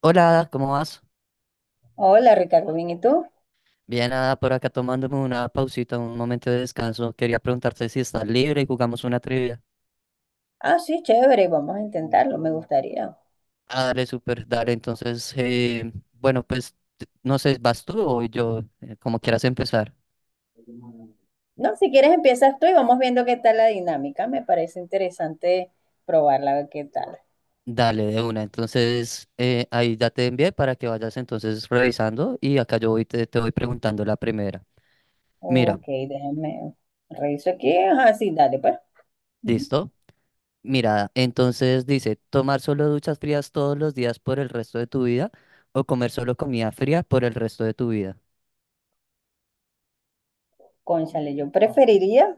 Hola, Ada, ¿cómo vas? Hola Ricardo, ¿bien y tú? Bien, Ada, por acá tomándome una pausita, un momento de descanso. Quería preguntarte si estás libre y jugamos una trivia. Ah, sí, chévere, vamos a intentarlo, me gustaría. Ah, dale, súper, dale. Entonces, bueno, pues no sé, ¿vas tú o voy yo? Como quieras empezar. No, si quieres empiezas tú y vamos viendo qué tal la dinámica, me parece interesante probarla, a ver qué tal. Dale, de una. Entonces, ahí ya te envié para que vayas entonces revisando y acá yo voy, te voy preguntando la primera. Mira, Ok, déjame reviso aquí. Ah, sí, dale pues. Ujú. ¿listo? Mira, entonces dice, tomar solo duchas frías todos los días por el resto de tu vida o comer solo comida fría por el resto de tu vida. Cónchale, yo preferiría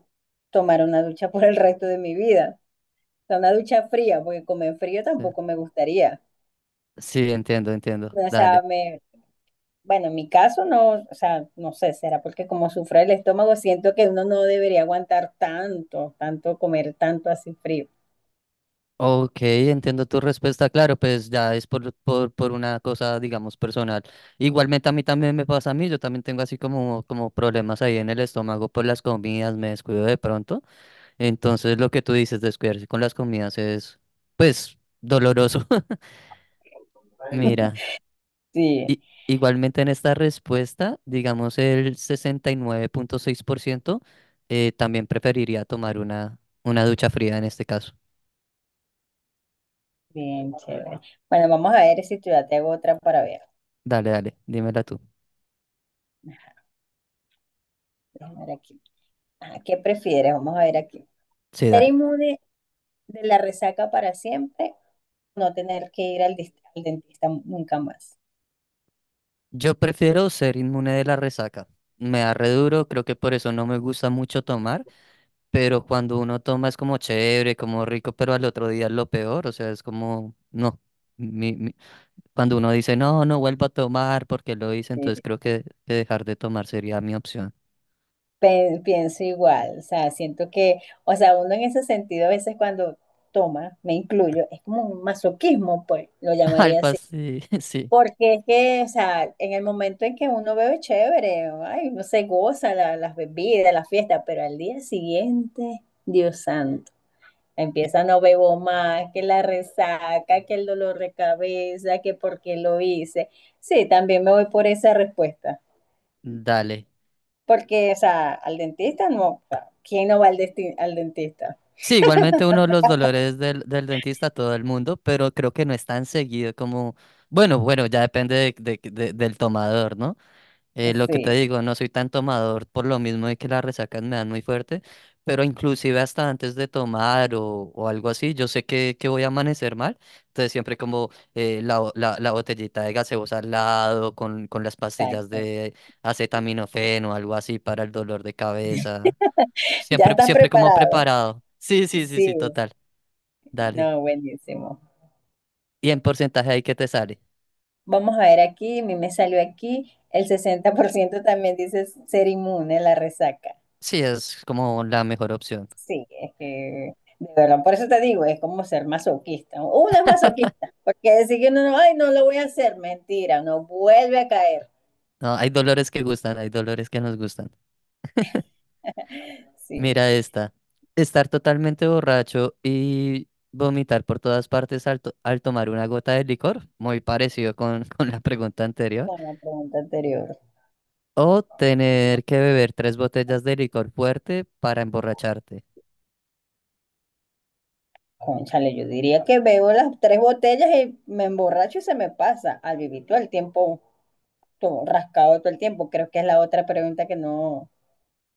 tomar una ducha por el resto de mi vida. O sea, una ducha fría, porque comer frío Sí, tampoco me gustaría. sí, entiendo, entiendo. O Dale. sea, me, Bueno, en mi caso no, o sea, no sé, será porque como sufre el estómago, siento que uno no debería aguantar tanto comer tanto así frío. Ok, entiendo tu respuesta. Claro, pues ya es por una cosa, digamos, personal. Igualmente a mí también me pasa a mí. Yo también tengo así como problemas ahí en el estómago por las comidas. Me descuido de pronto. Entonces lo que tú dices, descuidarse con las comidas es, pues, doloroso. Mira, Sí, igualmente en esta respuesta, digamos, el 69.6% también preferiría tomar una ducha fría en este caso. bien chévere. Bueno, vamos a ver si tú ya te hago otra para ver. Dale, dale, dímela tú. Déjame ver aquí. Ah, ¿qué prefieres? Vamos a ver aquí. Sí, ¿Ser dale. inmune de la resaca para siempre? No tener que ir al, al dentista nunca más. Yo prefiero ser inmune de la resaca. Me da re duro, creo que por eso no me gusta mucho tomar, pero cuando uno toma es como chévere, como rico, pero al otro día es lo peor, o sea, es como, no. Mi- mi- Cuando uno dice, no, no vuelvo a tomar porque lo hice, entonces Sí. creo que dejar de tomar sería mi opción. Pienso igual, o sea, siento que, o sea, uno en ese sentido a veces cuando toma, me incluyo, es como un masoquismo, pues, lo llamaría Algo así. así, sí. Porque es que, o sea, en el momento en que uno bebe chévere, ay, no se goza las bebidas, las fiestas, pero al día siguiente, Dios santo, empieza no bebo más, que la resaca, que el dolor de cabeza, que por qué lo hice. Sí, también me voy por esa respuesta. Dale. Porque, o sea, al dentista no, o sea, ¿quién no va al, al dentista? Sí, igualmente uno de los dolores del dentista a todo el mundo, pero creo que no es tan seguido como, bueno, bueno, ya depende del tomador, ¿no? Lo que te Sí, digo, no soy tan tomador por lo mismo de que las resacas me dan muy fuerte, pero inclusive hasta antes de tomar o algo así, yo sé que voy a amanecer mal, entonces siempre como la botellita de gaseosa al lado, con las pastillas exacto. de acetaminofeno o algo así para el dolor de cabeza. ¿Ya Siempre, estás siempre como preparado? preparado. Sí, sí, sí, Sí, sí, total. Dale. no, buenísimo. Y en porcentaje ahí que te sale. Vamos a ver aquí, a mí me salió aquí, el 60%. También dice ser inmune a la resaca. Sí, es como la mejor opción. Sí, es que, de verdad, por eso te digo, es como ser masoquista. Uno es masoquista, porque decir que no, no, ay, no lo voy a hacer, mentira, no vuelve a caer. No, hay dolores que gustan, hay dolores que nos gustan. Sí, Mira esta. Estar totalmente borracho y vomitar por todas partes al tomar una gota de licor, muy parecido con, con la pregunta anterior. con la pregunta anterior. O tener que beber tres botellas de licor fuerte para emborracharte. Cónchale, yo diría que veo las tres botellas y me emborracho y se me pasa al vivir todo el tiempo, todo rascado todo el tiempo. Creo que es la otra pregunta que no,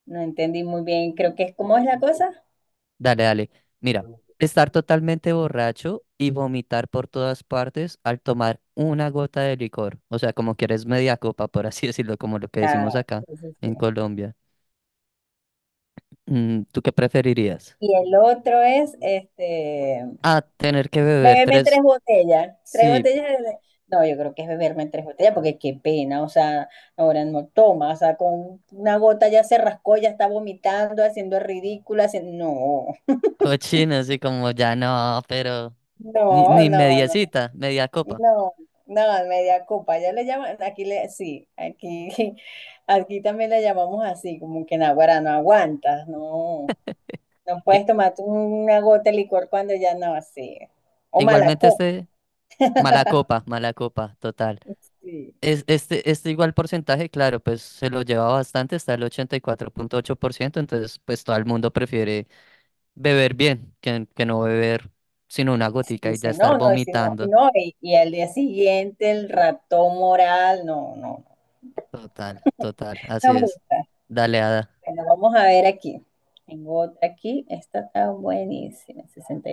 no entendí muy bien. Creo que es, ¿cómo es la cosa? Dale, dale. Mira, estar totalmente borracho y vomitar por todas partes al tomar una gota de licor. O sea, como quieres media copa, por así decirlo, como lo que Ah, decimos acá sí, sí, sí. en Colombia. Mm, ¿tú qué preferirías? Y el otro es, este, A tener que beber beberme tres, tres sí, botellas de... No, yo creo que es beberme tres botellas porque qué pena, o sea, ahora no toma, o sea, con una gota ya se rascó, ya está vomitando, haciendo el ridículo, haciendo... No, cochinos y como ya no, pero ni, no, ni no, no. mediecita, media copa. No, no, media copa, ya le llaman, aquí le, sí, aquí, aquí también le llamamos así, como que naguará, no aguantas, no, no I- puedes tomarte una gota de licor cuando ya no así, o mala Igualmente copa, este, mala copa, total. sí, Es, este igual porcentaje, claro, pues se lo lleva bastante, está el ochenta y cuatro punto ocho por ciento entonces pues todo el mundo prefiere beber bien que no beber sino una sí, gotica y ya dice, estar no, no, y si no, y vomitando. no, y al día siguiente el ratón moral, no, no, Total, total, así no me es. gusta. Dale, Ada. Bueno, vamos a ver aquí, tengo otra aquí, esta está buenísima, 60.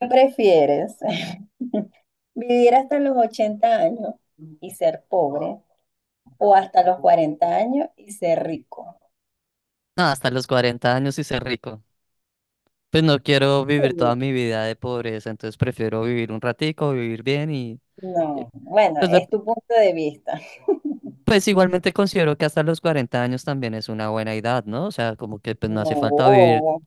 ¿Qué prefieres? ¿Vivir hasta los 80 años y ser pobre, o hasta los 40 años y ser rico? No, hasta los cuarenta años y ser rico. Pues no quiero vivir toda Sí. mi vida de pobreza, entonces prefiero vivir un ratico, vivir bien y, No, bueno, pues, es tu punto de vista. pues igualmente considero que hasta los 40 años también es una buena edad, ¿no? O sea, como que pues no hace falta vivir. No,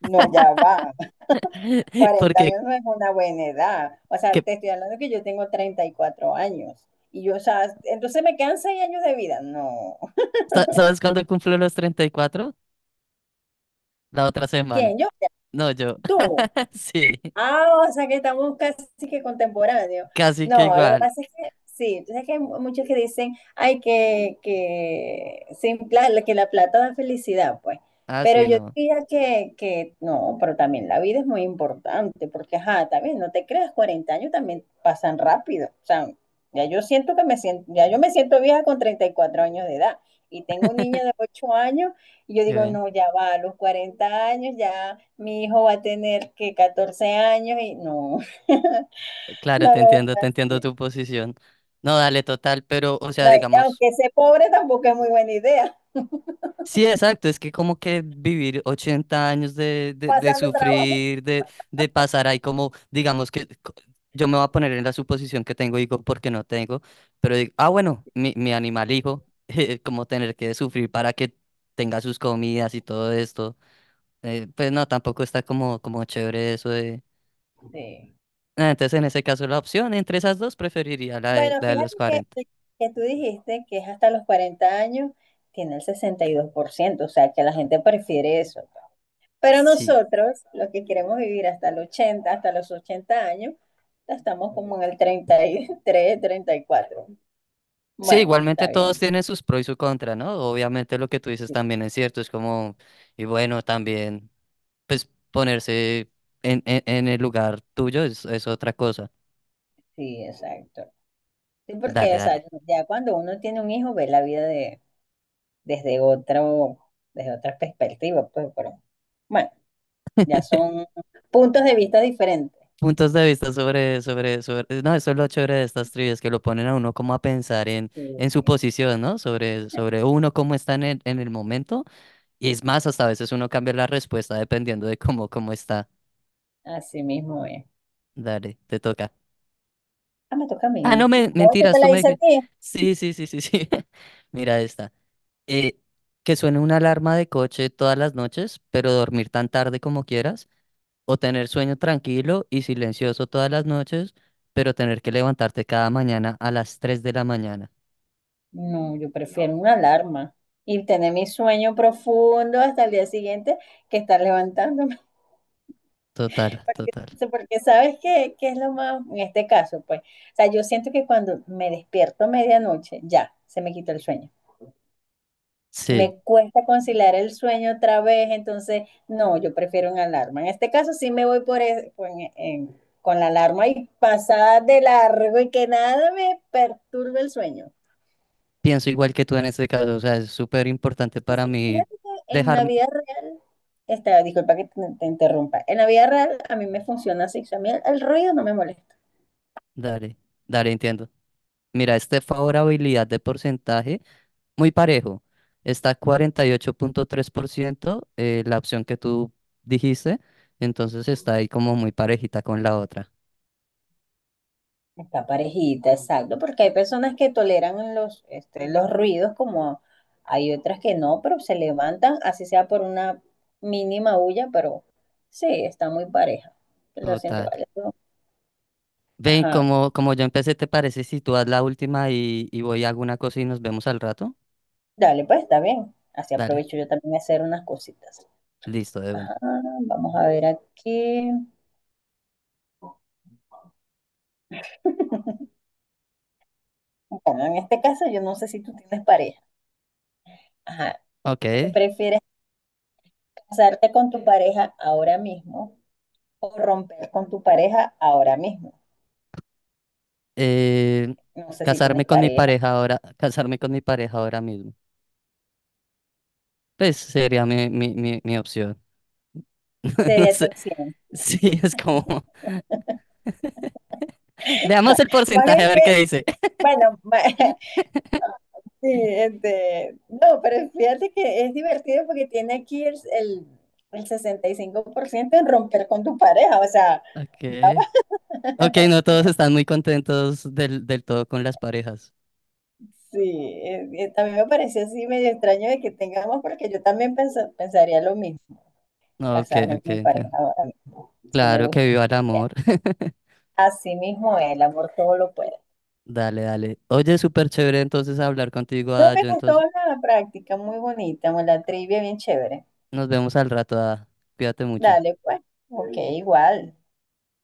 no, ya va. Cuarenta Porque, años no es una buena edad. O sea, que, te estoy hablando que yo tengo 34 años. Y yo, o sea, entonces me quedan 6 años de vida. No. Sabes cuándo cumplo los 34? La otra semana. ¿Quién? Yo, No, yo. tú. Sí, Ah, o sea que estamos casi que contemporáneos. casi que No, lo que igual. pasa es que sí, entonces que hay muchos que dicen, ay, que, sin pla- que la plata da felicidad, pues. Ah, Pero sí, yo no. diría que no, pero también la vida es muy importante, porque ajá, también no te creas, 40 años también pasan rápido. O sea, ya yo me siento vieja con 34 años de edad. Y tengo un niño de 8 años, y yo Qué digo, bien. no, ya va, a los 40 años ya. Mi hijo va a tener que 14 años y no, Claro, no lo voy te a entiendo hacer. tu posición. No, dale, total, pero, o sea, No, y digamos. aunque sea pobre tampoco es muy buena idea, Sí, exacto, es que como que vivir 80 años de pasando trabajo. sufrir, de pasar ahí como, digamos que yo me voy a poner en la suposición que tengo hijo porque no tengo, pero digo, ah, bueno, mi animal hijo, como tener que sufrir para que tenga sus comidas y todo esto, pues no, tampoco está como, como chévere eso de... Sí. Ah, entonces en ese caso la opción entre esas dos preferiría Bueno, la de fíjate los cuarenta. que tú dijiste que es hasta los 40 años, tiene el 62% o sea que la gente prefiere eso. Pero Sí. nosotros, los que queremos vivir hasta los 80 años, ya estamos como en el treinta treinta y tres treinta y cuatro. Sí, Bueno, igualmente está todos bien. tienen sus pros y sus contras, ¿no? Obviamente lo que tú dices Sí, también es cierto, es como, y bueno, también, pues ponerse en el lugar tuyo es otra cosa. sí, exacto. Sí, Dale, porque, o dale. sea, ya cuando uno tiene un hijo, ve la vida de, desde otro, desde otra perspectiva, pues, pero, bueno, ya son puntos de vista diferentes. Puntos de vista sobre, sobre, sobre, no, eso es lo chévere de estas trivias, que lo ponen a uno como a pensar Sí, en su posición, ¿no? Sobre, sobre uno cómo está en el momento, y es más, hasta a veces uno cambia la respuesta dependiendo de cómo, cómo está. así mismo es. Dale, te toca. Ah, me toca a Ah, no, mí. me, No, yo te mentiras, tú la me hice a dijiste. ti. Sí, sí, sí, sí, sí. Mira esta. Eh, que suene una alarma de coche todas las noches, pero dormir tan tarde como quieras. O tener sueño tranquilo y silencioso todas las noches, pero tener que levantarte cada mañana a las 3 de la mañana. No, yo prefiero una alarma y tener mi sueño profundo hasta el día siguiente que estar levantándome. Total, Porque, total. porque sabes qué, qué es lo más, en este caso, pues, o sea, yo siento que cuando me despierto a medianoche, ya, se me quitó el sueño. Sí, Me cuesta conciliar el sueño otra vez, entonces no, yo prefiero una alarma. En este caso sí me voy por e- con, en- con la alarma y pasada de largo y que nada me perturbe el sueño. pienso igual que tú en este caso. O sea, es súper importante Y para sí, mí fíjate que en la dejarme. vida real, esta, disculpa que te interrumpa, en la vida real a mí me funciona así, o sea, a mí el ruido no me molesta. Dale, dale, entiendo. Mira, este favorabilidad de porcentaje muy parejo. Está 48.3%, la opción que tú dijiste, entonces está ahí como muy parejita con la otra. Está parejita, exacto, porque hay personas que toleran los, este, los ruidos como hay otras que no, pero se levantan, así sea por una mínima huya, pero sí, está muy pareja. Lo siento Total. igual, ¿no? Ven, Ajá, como, como yo empecé, ¿te parece si tú haz la última y voy a alguna cosa y nos vemos al rato? dale, pues está bien. Así Dale, aprovecho yo también a hacer unas cositas. listo, de Ajá, una. vamos a ver aquí. Bueno, en este caso yo no sé si tú tienes pareja. Ajá, Ok. ¿qué prefieres, casarte con tu pareja ahora mismo o romper con tu pareja ahora mismo? eh, No sé si Casarme tienes con mi pareja, pareja ahora, casarme con mi pareja ahora mismo. Pues sería mi opción. No sería tu sé. opción. Sí, es como. Veamos el Más porcentaje bien a que, ver qué dice. bueno, ma- sí, este, no, pero fíjate que es divertido porque tiene aquí el 65% en romper con tu pareja, o sea, ya va. Ok. Ok, no todos están muy contentos del, del todo con las parejas. Sí, también me pareció así medio extraño de que tengamos, porque yo también pensaría lo mismo, Ok, casarme ok, con mi pareja, entiendo. ahora, sí me Claro que gusta. viva el amor. Así mismo, el amor todo lo puede. Dale, dale. Oye, súper chévere entonces hablar contigo, No Ada. me Yo gustó entonces la práctica, muy bonita, la trivia bien chévere. nos vemos al rato, Ada. Cuídate mucho. Dale, pues. Ok, igual.